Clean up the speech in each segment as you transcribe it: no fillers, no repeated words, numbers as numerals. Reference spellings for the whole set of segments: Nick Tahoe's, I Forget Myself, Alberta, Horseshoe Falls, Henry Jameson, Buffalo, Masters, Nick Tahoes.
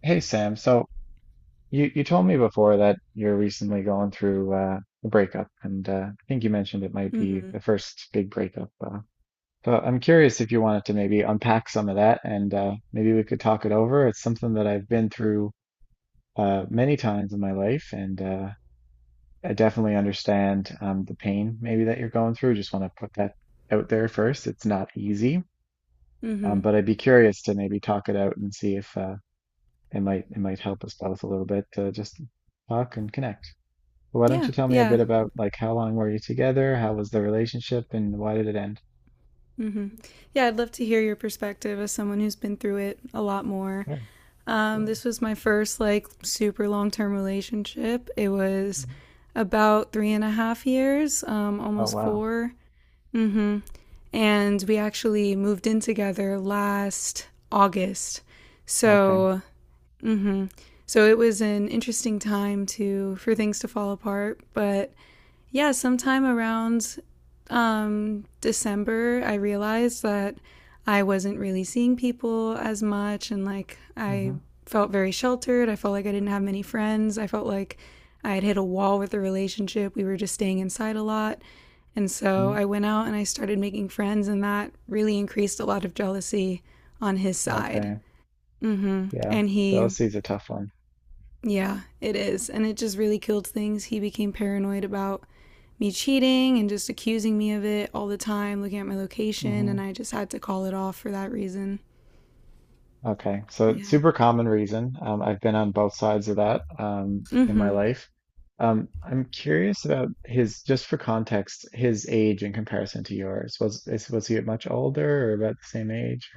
Hey Sam, so you told me before that you're recently going through a breakup, and I think you mentioned it might be Mhm. the first big breakup. So I'm curious if you wanted to maybe unpack some of that, and maybe we could talk it over. It's something that I've been through many times in my life, and I definitely understand the pain maybe that you're going through. Just want to put that out there first. It's not easy, Mhm. but I'd be curious to maybe talk it out and see if it might help us out a little bit to just talk and connect. But why don't Yeah, you tell me a bit yeah. about like how long were you together? How was the relationship and why did it end? Mhm. Yeah, I'd love to hear your perspective as someone who's been through it a lot more. Sure, Um, absolutely. this was my first like super long-term relationship. It was Mhm. about three and a half years, Oh almost wow. four. Mm-hmm. And we actually moved in together last August. Okay. So, mm-hmm, so it was an interesting time to for things to fall apart, but yeah, sometime around December, I realized that I wasn't really seeing people as much. And like, I Mm-hmm. felt very sheltered. I felt like I didn't have many friends. I felt like I had hit a wall with the relationship. We were just staying inside a lot. And so Mm. I went out and I started making friends, and that really increased a lot of jealousy on his side. Okay. Mm-hmm. Yeah. And he Jealousy is a tough one. yeah, it is. And it just really killed things. He became paranoid about me cheating and just accusing me of it all the time, looking at my location, and Hmm. I just had to call it off for that reason. Okay. So it's Yeah. super common reason. I've been on both sides of that in my Mm-hmm. life. I'm curious about his, just for context, his age in comparison to yours. Was he much older or about the same age?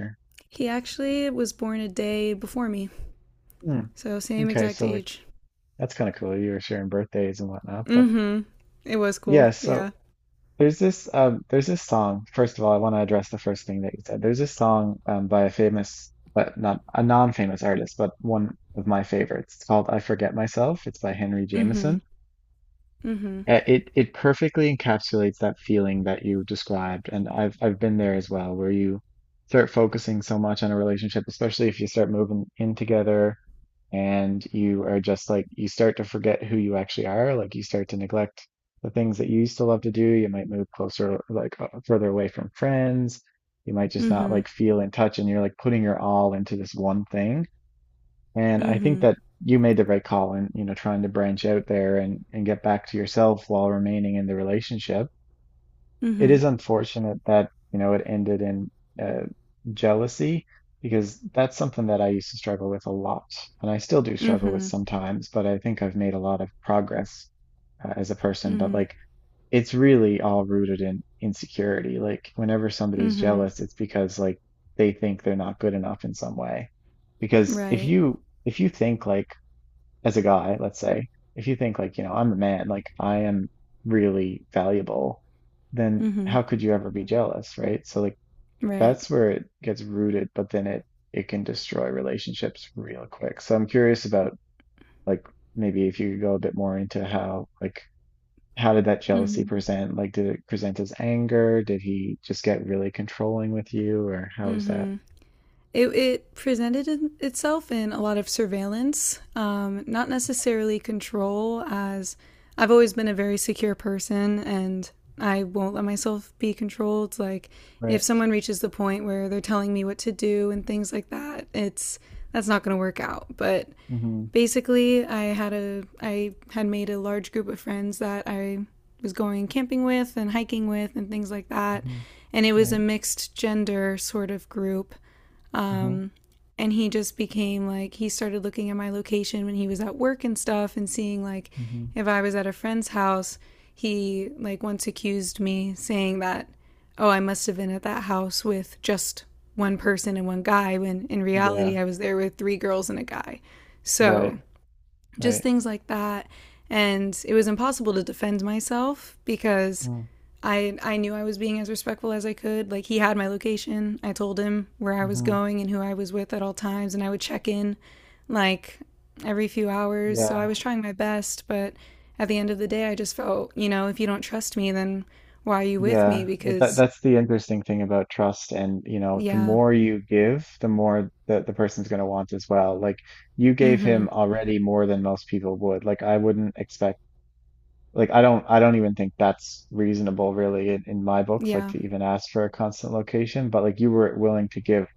He actually was born a day before me, Hmm, so same okay, exact so like age. that's kind of cool. You were sharing birthdays and whatnot, but Mm-hmm. It was yeah. cool. So Yeah. there's this song. First of all, I want to address the first thing that you said. There's this song by a famous but not a non-famous artist, but one of my favorites. It's called "I Forget Myself." It's by Henry Mm-hmm. Jameson. Mm-hmm. It perfectly encapsulates that feeling that you described, and I've been there as well, where you start focusing so much on a relationship, especially if you start moving in together. And you are just like you start to forget who you actually are, like you start to neglect the things that you used to love to do. You might move closer like further away from friends. You might just not Mm-hmm. like feel in touch, and you're like putting your all into this one thing. And I think Mm-hmm. that you made the right call in, you know, trying to branch out there and get back to yourself while remaining in the relationship. It Mm-hmm. is unfortunate that, you know, it ended in uh, jealousy, because that's something that I used to struggle with a lot. And I still do struggle with Mm-hmm. sometimes, but I think I've made a lot of progress as a person. But Mm-hmm. like, it's really all rooted in insecurity. Like, whenever somebody's Mm-hmm. jealous, it's because like they think they're not good enough in some way. Because if Right. you, if you think like, as a guy, let's say, if you think like, you know, I'm the man, like I am really valuable, then Mm-hmm. how could you ever be jealous, right? So like Right. that's where it gets rooted, but then it can destroy relationships real quick. So I'm curious about like maybe if you could go a bit more into how like how did that jealousy Mm-hmm. present? Like did it present as anger? Did he just get really controlling with you or how was that? It presented itself in a lot of surveillance, not necessarily control, as I've always been a very secure person and I won't let myself be controlled. Like, if Right. someone reaches the point where they're telling me what to do and things like that, it's that's not going to work out. But Mm-hmm. basically, I had made a large group of friends that I was going camping with and hiking with and things like that. Mm-hmm. And it was a Right. mixed gender sort of group, Mm-hmm. and he just became like he started looking at my location when he was at work and stuff and seeing like Mm-hmm. if I was at a friend's house, he like once accused me saying that oh, I must have been at that house with just one person and one guy when in Yeah. reality I was there with three girls and a guy. So, Right. just Right. things like that, and it was impossible to defend myself because Mm, I knew I was being as respectful as I could. Like he had my location. I told him where I was mhm. going and who I was with at all times and I would check in like every few hours. So I Yeah, was trying my best, but at the end of the day I just felt, you know, if you don't trust me then why are you with me, yeah. uh, That because that's the interesting thing about trust, and you know, the yeah. more you give, the more that the person's going to want as well. Like you gave him Mhm. already more than most people would. Like I wouldn't expect. Like I don't. I don't even think that's reasonable, really, in my books. Like Yeah. to even ask for a constant location, but like you were willing to give,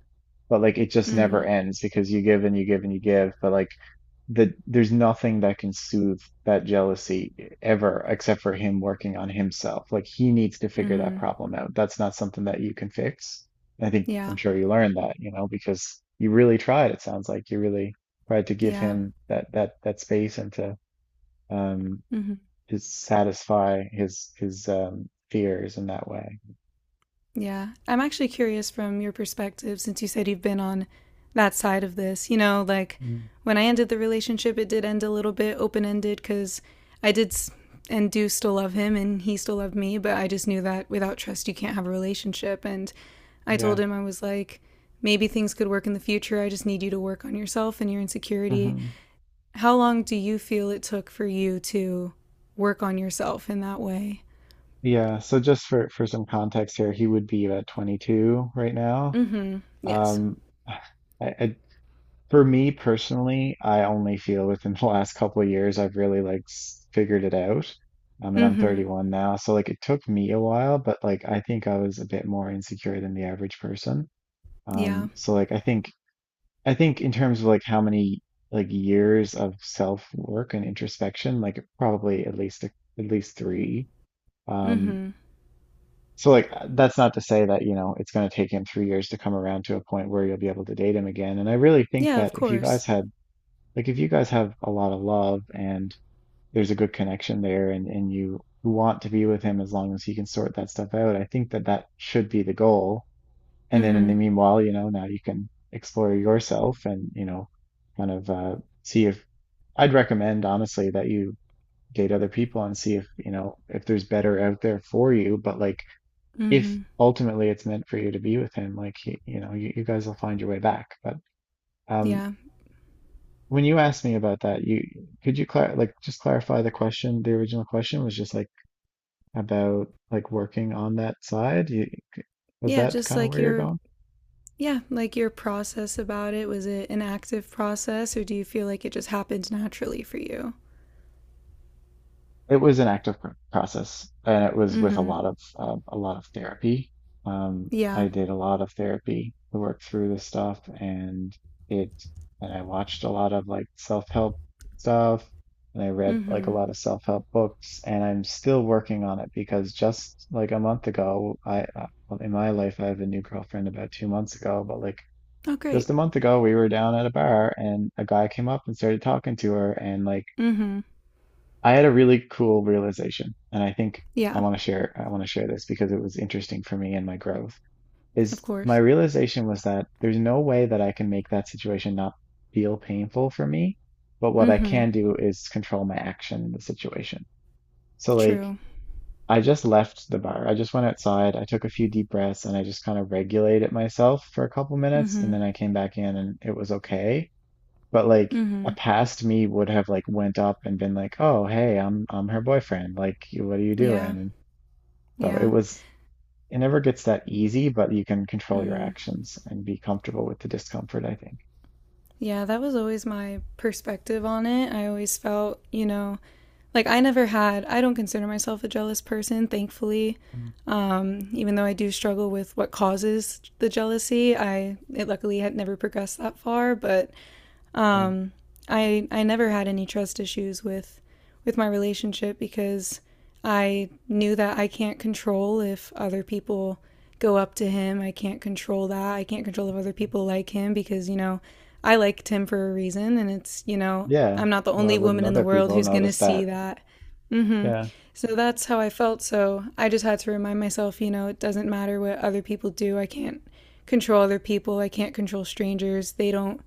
but like it just never Mhm. ends because you give and you give and you give. But like that there's nothing that can soothe that jealousy ever except for him working on himself. Like he needs to figure that Mhm. problem out. That's not something that you can fix. I think I'm Yeah. sure you learned that, you know, because you really tried. It sounds like you really tried to give Yeah. him that space and to um Mhm. Satisfy his fears in that way. Yeah. I'm actually curious from your perspective, since you said you've been on that side of this. You know, like Mm, when I ended the relationship, it did end a little bit open ended because I did and do still love him and he still loved me, but I just knew that without trust, you can't have a relationship. And I told yeah. him, I was like, maybe things could work in the future. I just need you to work on yourself and your insecurity. Hmm. How long do you feel it took for you to work on yourself in that way? Yeah, so just for some context here, he would be about 22 right now. Mm hmm. Yes. Um I For me personally, I only feel within the last couple of years I've really like figured it out. I mean, Mm I'm hmm. 31 now, so like it took me a while, but like I think I was a bit more insecure than the average person. Yeah. So like I think in terms of like how many like years of self-work and introspection, like probably at least at least three. Mm Um, hmm. so like that's not to say that, you know, it's going to take him 3 years to come around to a point where you'll be able to date him again. And I really think Yeah, that of if you guys course. had like if you guys have a lot of love and there's a good connection there and you want to be with him as long as he can sort that stuff out, I think that that should be the goal. And then in the Mhm. meanwhile, you know, now you can explore yourself, and you know, kind of see if I'd recommend honestly that you date other people and see if, you know, if there's better out there for you. But like if Mhm. ultimately it's meant for you to be with him, like you guys will find your way back. But um Yeah. when you asked me about that, you could you clar like just clarify the question? The original question was just like about like working on that side. You Was Yeah, that just kind of like where you're your going? yeah, like your process about it, was it an active process or do you feel like it just happened naturally for you? It was an active process, and it was with a Mhm. lot of um, a lot of therapy. I Yeah. did a lot of therapy to work through this stuff, it and I watched a lot of like self-help stuff, and I read like a Mhm. lot of self-help books, and I'm still working on it because just like a month ago, I well, in my life I have a new girlfriend about 2 months ago, but like Oh, great. just a month ago we were down at a bar and a guy came up and started talking to her, and like Mhm. I had a really cool realization, and I think Yeah, I want to share this because it was interesting for me and my growth. of Is My course. realization was that there's no way that I can make that situation not feel painful for me, but what I Mhm. can do is control my action in the situation. So like True. I just left the bar. I just went outside, I took a few deep breaths, and I just kind of regulated myself for a couple minutes, and Mhm. then I came back in and it was okay. But like a Mhm. past me would have like went up and been like, "Oh, hey, I'm her boyfriend. Like, what are you Yeah. doing?" So Yeah. It never gets that easy, but you can control your Mhm. actions and be comfortable with the discomfort, I think. Yeah, that was always my perspective on it. I always felt, you know, like, I never had, I don't consider myself a jealous person, thankfully. Mm, Even though I do struggle with what causes the jealousy, I it luckily had never progressed that far, but yeah. um, I never had any trust issues with my relationship because I knew that I can't control if other people go up to him. I can't control that. I can't control if other Mhm. people like him because, you know, I liked him for a reason and it's, you know, Yeah. I'm not the Why only wouldn't woman in the other world people who's going to notice see that? that, Yeah. so that's how I felt. So I just had to remind myself, you know, it doesn't matter what other people do. I can't control other people. I can't control strangers. They don't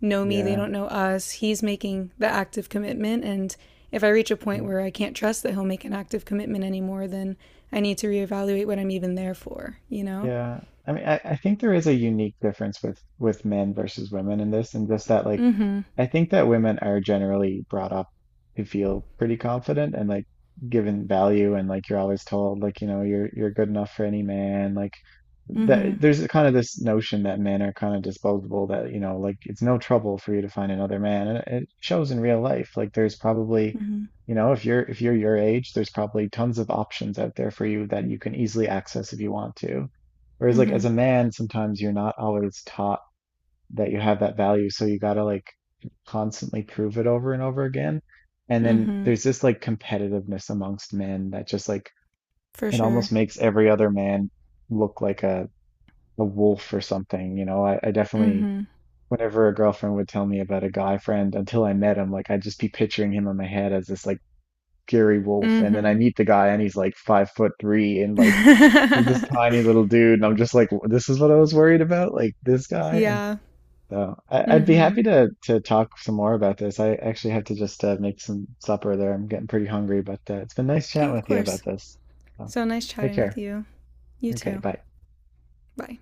know me. They Yeah. don't know us. He's making the active commitment. And if I reach a point Right. where I can't trust that he'll make an active commitment anymore, then I need to reevaluate what I'm even there for, you know? Yeah. I mean, I think there is a unique difference with men versus women in this, and just that like Mm hmm. I think that women are generally brought up to feel pretty confident and like given value and like you're always told like, you know, you're good enough for any man. Like Mm hmm. that there's a kind of this notion that men are kind of disposable that, you know, like it's no trouble for you to find another man. And it shows in real life. Like there's probably Mm hmm. you know, if you're your age, there's probably tons of options out there for you that you can easily access if you want to. Whereas Mm like hmm. as a man, sometimes you're not always taught that you have that value, so you gotta like constantly prove it over and over again. And Mm then hmm. there's this like competitiveness amongst men that just like For it sure. almost makes every other man look like a wolf or something. You know, I definitely Mm whenever a girlfriend would tell me about a guy friend until I met him, like I'd just be picturing him in my head as this like fury wolf. hmm. And then I Mm meet the guy and he's like 5'3" and hmm. like this tiny little dude, and I'm just like, this is what I was worried about, like this guy. And yeah. so I'd Mm be hmm. happy to talk some more about this. I actually have to just make some supper there. I'm getting pretty hungry, but it's been nice Oh, chatting of with you about course. this. So, So nice take chatting with care. you. You Okay, too. bye. Bye.